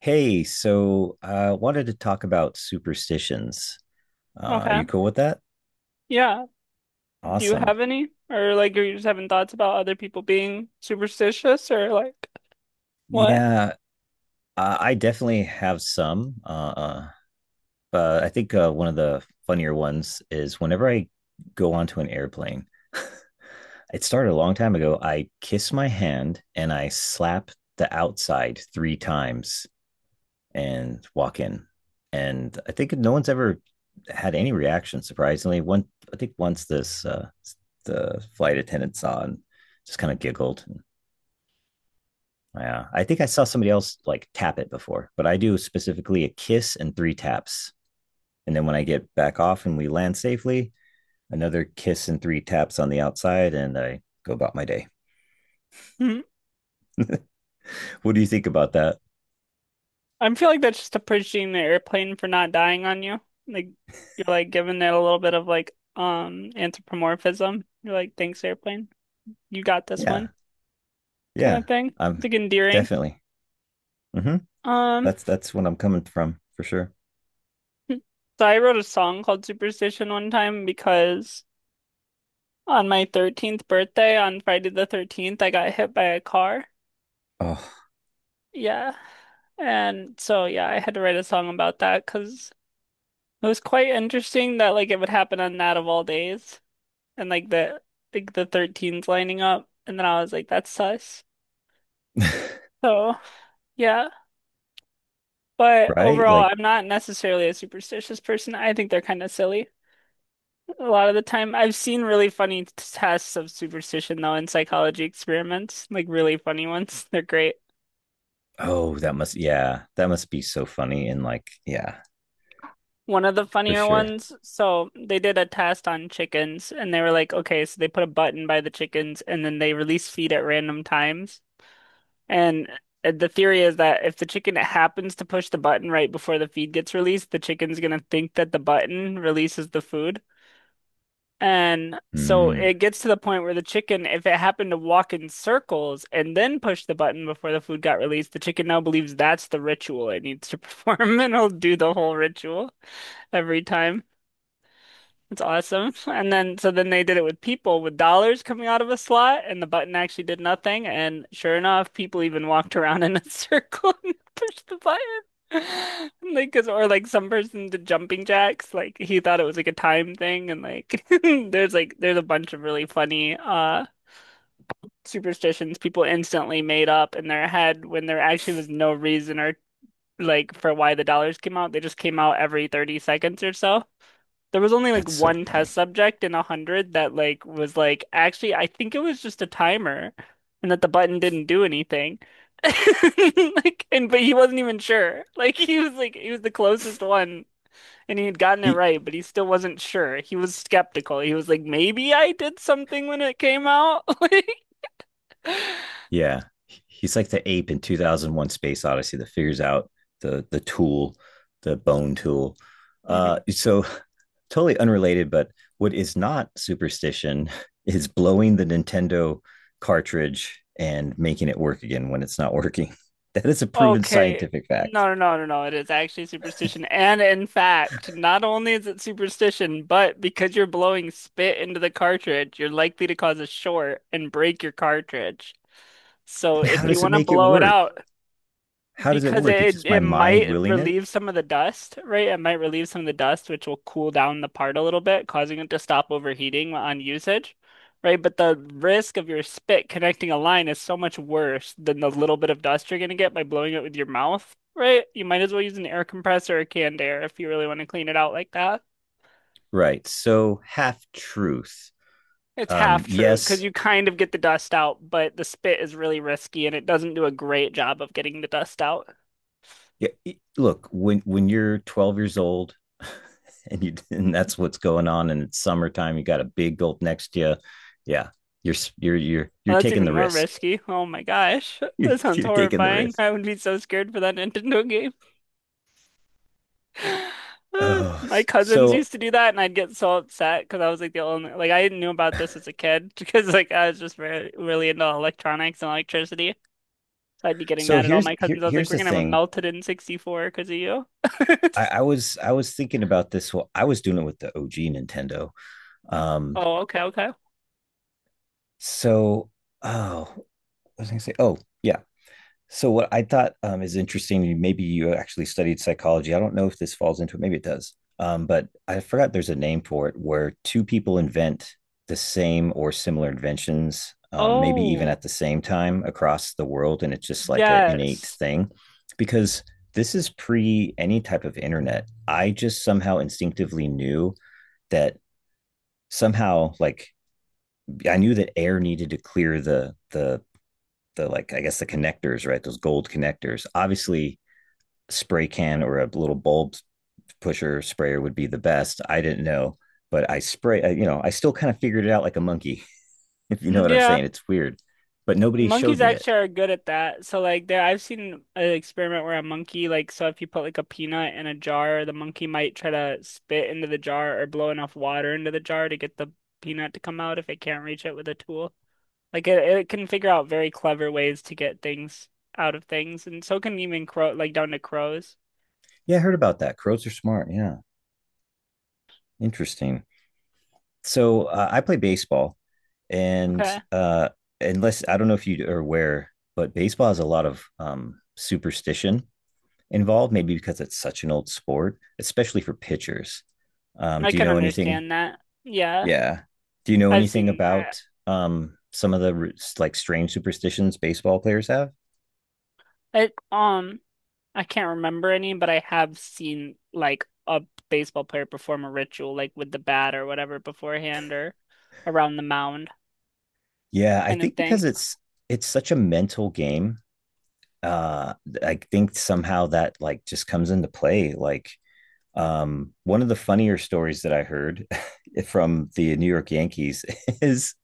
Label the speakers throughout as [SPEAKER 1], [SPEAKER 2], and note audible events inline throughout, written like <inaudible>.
[SPEAKER 1] Hey, so I wanted to talk about superstitions. Are you
[SPEAKER 2] Okay.
[SPEAKER 1] cool with that?
[SPEAKER 2] Yeah. Do you
[SPEAKER 1] Awesome.
[SPEAKER 2] have any? Or like are you just having thoughts about other people being superstitious or like what?
[SPEAKER 1] Yeah, I definitely have some. But I think one of the funnier ones is whenever I go onto an airplane, <laughs> it started a long time ago. I kiss my hand and I slap the outside three times and walk in. And I think no one's ever had any reaction. Surprisingly, one I think once this the flight attendant saw and just kind of giggled. And, yeah, I think I saw somebody else like tap it before, but I do specifically a kiss and three taps. And then when I get back off and we land safely, another kiss and three taps on the outside, and I go about my day.
[SPEAKER 2] Hmm.
[SPEAKER 1] What do you think about that?
[SPEAKER 2] I feel like that's just appreciating the airplane for not dying on you. Like you're like giving it a little bit of like anthropomorphism. You're like, thanks, airplane. You got this
[SPEAKER 1] Yeah,
[SPEAKER 2] one kind
[SPEAKER 1] yeah,
[SPEAKER 2] of thing.
[SPEAKER 1] I'm
[SPEAKER 2] It's like endearing.
[SPEAKER 1] definitely. Mm-hmm.
[SPEAKER 2] Um
[SPEAKER 1] That's what I'm coming from for sure.
[SPEAKER 2] hmm. So I wrote a song called Superstition one time because on my 13th birthday on Friday the 13th I got hit by a car.
[SPEAKER 1] Oh,
[SPEAKER 2] Yeah. And so yeah, I had to write a song about that because it was quite interesting that like it would happen on that of all days. And like the 13s lining up. And then I was like, that's sus.
[SPEAKER 1] <laughs>
[SPEAKER 2] So yeah. But
[SPEAKER 1] right?
[SPEAKER 2] overall,
[SPEAKER 1] Like,
[SPEAKER 2] I'm not necessarily a superstitious person. I think they're kind of silly a lot of the time. I've seen really funny tests of superstition though in psychology experiments, like really funny ones. <laughs> They're great.
[SPEAKER 1] oh, that must, yeah, that must be so funny. And like, yeah,
[SPEAKER 2] One of the
[SPEAKER 1] for
[SPEAKER 2] funnier
[SPEAKER 1] sure.
[SPEAKER 2] ones. So they did a test on chickens and they were like, okay, so they put a button by the chickens and then they release feed at random times. And the theory is that if the chicken happens to push the button right before the feed gets released, the chicken's gonna think that the button releases the food. And so
[SPEAKER 1] Mm,
[SPEAKER 2] it gets to the point where the chicken, if it happened to walk in circles and then push the button before the food got released, the chicken now believes that's the ritual it needs to perform <laughs> and it'll do the whole ritual every time. It's awesome. <laughs> And then, so then they did it with people with dollars coming out of a slot, and the button actually did nothing. And sure enough, people even walked around in a <laughs> circle and pushed the button. <laughs> Like, 'cause, or like some person did jumping jacks. Like, he thought it was like a time thing. And like, <laughs> there's a bunch of really funny, superstitions people instantly made up in their head when there actually was no reason or like for why the dollars came out. They just came out every 30 seconds or so. There was only like
[SPEAKER 1] that's so
[SPEAKER 2] one
[SPEAKER 1] funny.
[SPEAKER 2] test subject in a hundred that like was like actually I think it was just a timer and that the button didn't do anything. <laughs> Like and but he wasn't even sure. Like he was the closest one and he had gotten it
[SPEAKER 1] He,
[SPEAKER 2] right, but he still wasn't sure. He was skeptical. He was like, maybe I did something when it came out. <laughs> Like.
[SPEAKER 1] yeah, he's like the ape in 2001 Space Odyssey that figures out the tool, the bone tool. Uh,
[SPEAKER 2] Mhm.
[SPEAKER 1] so <laughs> totally unrelated, but what is not superstition <laughs> is blowing the Nintendo cartridge and making it work again when it's not working. <laughs> That is a proven
[SPEAKER 2] Okay.
[SPEAKER 1] scientific fact.
[SPEAKER 2] No, no, no, no, no. It is actually superstition. And in fact, not only is it superstition, but because you're blowing spit into the cartridge, you're likely to cause a short and break your cartridge. So
[SPEAKER 1] And how
[SPEAKER 2] if you
[SPEAKER 1] does it
[SPEAKER 2] want to
[SPEAKER 1] make it
[SPEAKER 2] blow it
[SPEAKER 1] work?
[SPEAKER 2] out,
[SPEAKER 1] How does it
[SPEAKER 2] because
[SPEAKER 1] work? It's
[SPEAKER 2] it
[SPEAKER 1] just my
[SPEAKER 2] it
[SPEAKER 1] mind
[SPEAKER 2] might
[SPEAKER 1] willing it.
[SPEAKER 2] relieve some of the dust, right? It might relieve some of the dust, which will cool down the part a little bit, causing it to stop overheating on usage, right? But the risk of your spit connecting a line is so much worse than the little bit of dust you're gonna get by blowing it with your mouth, right? You might as well use an air compressor or canned air if you really want to clean it out like that.
[SPEAKER 1] Right. So half truth.
[SPEAKER 2] It's half true because
[SPEAKER 1] Yes.
[SPEAKER 2] you kind of get the dust out, but the spit is really risky and it doesn't do a great job of getting the dust out.
[SPEAKER 1] Yeah, look, when you're 12 years old <laughs> and you and that's what's going on, and it's summertime, you got a big gulp next to you. Yeah, you're
[SPEAKER 2] Well, that's
[SPEAKER 1] taking
[SPEAKER 2] even
[SPEAKER 1] the
[SPEAKER 2] more
[SPEAKER 1] risk.
[SPEAKER 2] risky. Oh my gosh.
[SPEAKER 1] <laughs>
[SPEAKER 2] <laughs>
[SPEAKER 1] You're
[SPEAKER 2] That sounds
[SPEAKER 1] you're taking the
[SPEAKER 2] horrifying.
[SPEAKER 1] risk.
[SPEAKER 2] I would be so scared for that Nintendo game. <sighs> <laughs>
[SPEAKER 1] Oh,
[SPEAKER 2] My cousins
[SPEAKER 1] so
[SPEAKER 2] used to do that, and I'd get so upset because I was like the only, like, I knew about this as a kid <laughs> because, like, I was just re really into electronics and electricity. So I'd be getting
[SPEAKER 1] so
[SPEAKER 2] mad at all
[SPEAKER 1] here's
[SPEAKER 2] my
[SPEAKER 1] here
[SPEAKER 2] cousins. I was
[SPEAKER 1] here's
[SPEAKER 2] like, we're
[SPEAKER 1] the
[SPEAKER 2] gonna have a
[SPEAKER 1] thing.
[SPEAKER 2] melted in 64 because of you.
[SPEAKER 1] I
[SPEAKER 2] <laughs>
[SPEAKER 1] was I was thinking about this. Well, I was doing it with the OG Nintendo. Um,
[SPEAKER 2] Oh, okay, okay.
[SPEAKER 1] so oh, what was I gonna say? Oh, yeah. So what I thought is interesting, maybe you actually studied psychology. I don't know if this falls into it. Maybe it does. But I forgot there's a name for it where two people invent the same or similar inventions, maybe even
[SPEAKER 2] Oh,
[SPEAKER 1] at the same time across the world, and it's just like an innate
[SPEAKER 2] yes.
[SPEAKER 1] thing. Because this is pre any type of internet. I just somehow instinctively knew that somehow, like I knew that air needed to clear the like I guess the connectors, right? Those gold connectors. Obviously, spray can or a little bulb pusher sprayer would be the best. I didn't know, but you know, I still kind of figured it out like a monkey, <laughs> if you know
[SPEAKER 2] Mm,
[SPEAKER 1] what I'm
[SPEAKER 2] yeah.
[SPEAKER 1] saying. It's weird, but nobody showed
[SPEAKER 2] Monkeys
[SPEAKER 1] me it.
[SPEAKER 2] actually are good at that. So like there I've seen an experiment where a monkey like so if you put like a peanut in a jar, the monkey might try to spit into the jar or blow enough water into the jar to get the peanut to come out if it can't reach it with a tool. Like it can figure out very clever ways to get things out of things and so can even crow like down to crows.
[SPEAKER 1] Yeah, I heard about that. Crows are smart. Yeah. Interesting. So I play baseball, and
[SPEAKER 2] Okay.
[SPEAKER 1] uh, unless I don't know if you are aware, but baseball has a lot of superstition involved. Maybe because it's such an old sport, especially for pitchers.
[SPEAKER 2] I
[SPEAKER 1] Do you
[SPEAKER 2] can
[SPEAKER 1] know anything?
[SPEAKER 2] understand that. Yeah.
[SPEAKER 1] Yeah. Do you know
[SPEAKER 2] I've
[SPEAKER 1] anything
[SPEAKER 2] seen I,
[SPEAKER 1] about some of the like strange superstitions baseball players have?
[SPEAKER 2] I um I can't remember any, but I have seen like a baseball player perform a ritual, like with the bat or whatever beforehand or around the mound
[SPEAKER 1] Yeah, I
[SPEAKER 2] kind of
[SPEAKER 1] think because
[SPEAKER 2] thing.
[SPEAKER 1] it's such a mental game, uh I think somehow that like just comes into play. Like one of the funnier stories that I heard <laughs> from the New York Yankees <laughs> is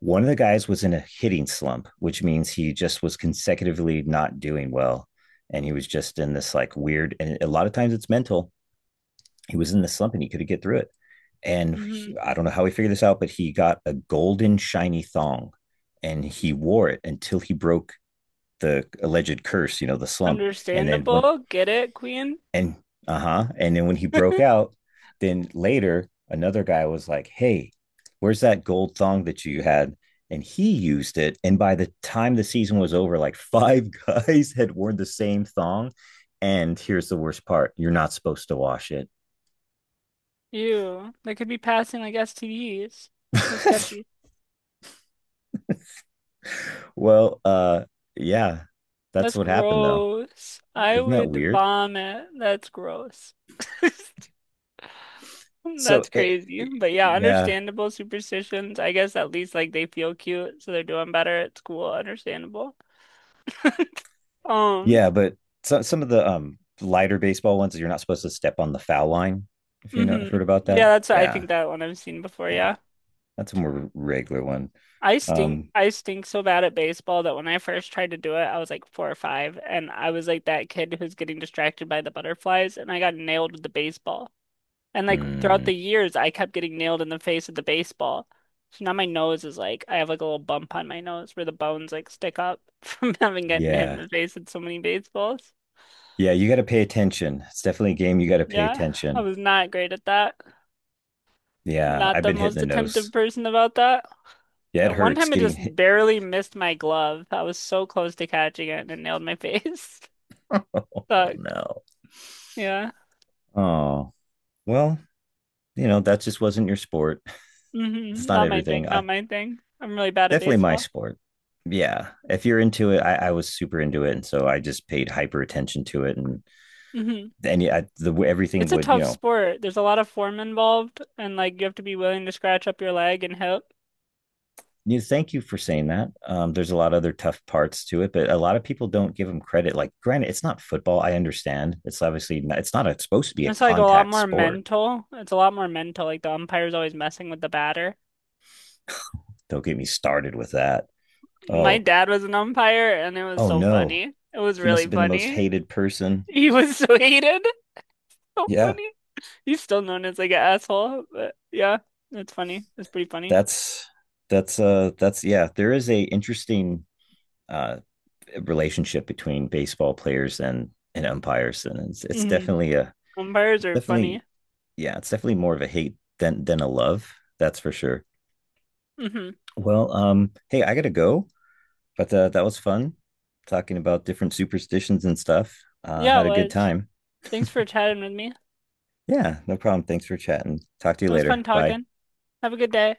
[SPEAKER 1] one of the guys was in a hitting slump, which means he just was consecutively not doing well. And he was just in this like weird, and a lot of times it's mental. He was in the slump and he couldn't get through it. And he,
[SPEAKER 2] Hmm.
[SPEAKER 1] I don't know how he figured this out, but he got a golden shiny thong and he wore it until he broke the alleged curse, you know, the slump. And then once
[SPEAKER 2] Understandable. Get it, Queen?
[SPEAKER 1] and uh-huh, and then when he broke
[SPEAKER 2] <laughs>
[SPEAKER 1] out, then later another guy was like, hey, where's that gold thong that you had? And he used it, and by the time the season was over, like <laughs> five guys had worn the same thong. And here's the worst part, you're not supposed to wash it.
[SPEAKER 2] Ew. They could be passing like STDs. That's so sketchy.
[SPEAKER 1] <laughs> Well, yeah, that's
[SPEAKER 2] That's
[SPEAKER 1] what happened though.
[SPEAKER 2] gross. I
[SPEAKER 1] Isn't that
[SPEAKER 2] would
[SPEAKER 1] weird?
[SPEAKER 2] vomit. That's gross. <laughs>
[SPEAKER 1] so
[SPEAKER 2] That's
[SPEAKER 1] it,
[SPEAKER 2] crazy.
[SPEAKER 1] it-
[SPEAKER 2] But yeah,
[SPEAKER 1] yeah.
[SPEAKER 2] understandable superstitions. I guess at least like they feel cute, so they're doing better at school. Understandable. <laughs> Um,
[SPEAKER 1] Yeah, but so, some of the lighter baseball ones, you're not supposed to step on the foul line. If you know,
[SPEAKER 2] mhm.
[SPEAKER 1] heard about
[SPEAKER 2] Yeah,
[SPEAKER 1] that.
[SPEAKER 2] that's I
[SPEAKER 1] Yeah,
[SPEAKER 2] think that one I've seen before,
[SPEAKER 1] yeah,
[SPEAKER 2] yeah.
[SPEAKER 1] that's a more regular one.
[SPEAKER 2] I stink
[SPEAKER 1] Um,
[SPEAKER 2] I stink so bad at baseball that when I first tried to do it, I was like four or five, and I was like that kid who's getting distracted by the butterflies, and I got nailed with the baseball. And like throughout
[SPEAKER 1] mm,
[SPEAKER 2] the years, I kept getting nailed in the face with the baseball. So now my nose is like I have like a little bump on my nose where the bones like stick up <laughs> from having gotten hit in
[SPEAKER 1] yeah,
[SPEAKER 2] the face with so many baseballs.
[SPEAKER 1] yeah, you got to pay attention. It's definitely a game you got to pay
[SPEAKER 2] Yeah, I
[SPEAKER 1] attention.
[SPEAKER 2] was not great at that.
[SPEAKER 1] Yeah,
[SPEAKER 2] Not
[SPEAKER 1] I've
[SPEAKER 2] the
[SPEAKER 1] been hitting the
[SPEAKER 2] most attentive
[SPEAKER 1] nose.
[SPEAKER 2] person about that.
[SPEAKER 1] Yeah,
[SPEAKER 2] Yeah,
[SPEAKER 1] it
[SPEAKER 2] one
[SPEAKER 1] hurts
[SPEAKER 2] time I
[SPEAKER 1] getting
[SPEAKER 2] just
[SPEAKER 1] hit.
[SPEAKER 2] barely missed my glove. I was so close to catching it and it nailed my face. <laughs>
[SPEAKER 1] Oh
[SPEAKER 2] Sucked.
[SPEAKER 1] no.
[SPEAKER 2] Yeah.
[SPEAKER 1] Oh well, you know that just wasn't your sport. <laughs> It's
[SPEAKER 2] Hmm.
[SPEAKER 1] not
[SPEAKER 2] Not my
[SPEAKER 1] everything.
[SPEAKER 2] thing.
[SPEAKER 1] I
[SPEAKER 2] Not my thing. I'm really bad at
[SPEAKER 1] definitely my
[SPEAKER 2] baseball.
[SPEAKER 1] sport. Yeah, if you're into it, I was super into it, and so I just paid hyper attention to it and
[SPEAKER 2] Hmm.
[SPEAKER 1] and yeah, the everything
[SPEAKER 2] It's a
[SPEAKER 1] would you
[SPEAKER 2] tough
[SPEAKER 1] know.
[SPEAKER 2] sport. There's a lot of form involved, and like you have to be willing to scratch up your leg and hip.
[SPEAKER 1] You thank you for saying that. There's a lot of other tough parts to it, but a lot of people don't give them credit. Like, granted, it's not football. I understand. It's obviously not, it's not a, it's supposed to be a
[SPEAKER 2] It's like a lot
[SPEAKER 1] contact
[SPEAKER 2] more
[SPEAKER 1] sport.
[SPEAKER 2] mental. It's a lot more mental. Like the umpire's always messing with the batter.
[SPEAKER 1] Don't get me started with that.
[SPEAKER 2] My
[SPEAKER 1] Oh,
[SPEAKER 2] dad was an umpire, and it was
[SPEAKER 1] oh
[SPEAKER 2] so
[SPEAKER 1] no,
[SPEAKER 2] funny. It was
[SPEAKER 1] he must
[SPEAKER 2] really
[SPEAKER 1] have been the most
[SPEAKER 2] funny. <laughs>
[SPEAKER 1] hated person.
[SPEAKER 2] He was so <laughs> hated. <laughs> So
[SPEAKER 1] Yeah,
[SPEAKER 2] funny. He's still known as like an asshole, but yeah, that's funny. That's pretty funny.
[SPEAKER 1] that's that's yeah. There is a interesting uh relationship between baseball players and umpires, and it's
[SPEAKER 2] Hmm.
[SPEAKER 1] definitely a
[SPEAKER 2] Umpires are
[SPEAKER 1] definitely
[SPEAKER 2] funny.
[SPEAKER 1] yeah, it's definitely more of a hate than a love. That's for sure.
[SPEAKER 2] Hmm,
[SPEAKER 1] Well, hey, I gotta go, but that was fun talking about different superstitions and stuff.
[SPEAKER 2] yeah, it
[SPEAKER 1] Had a good
[SPEAKER 2] was.
[SPEAKER 1] time.
[SPEAKER 2] Thanks for chatting with me.
[SPEAKER 1] Yeah, no problem. Thanks for chatting. Talk to you
[SPEAKER 2] It was fun
[SPEAKER 1] later. Bye.
[SPEAKER 2] talking. Have a good day.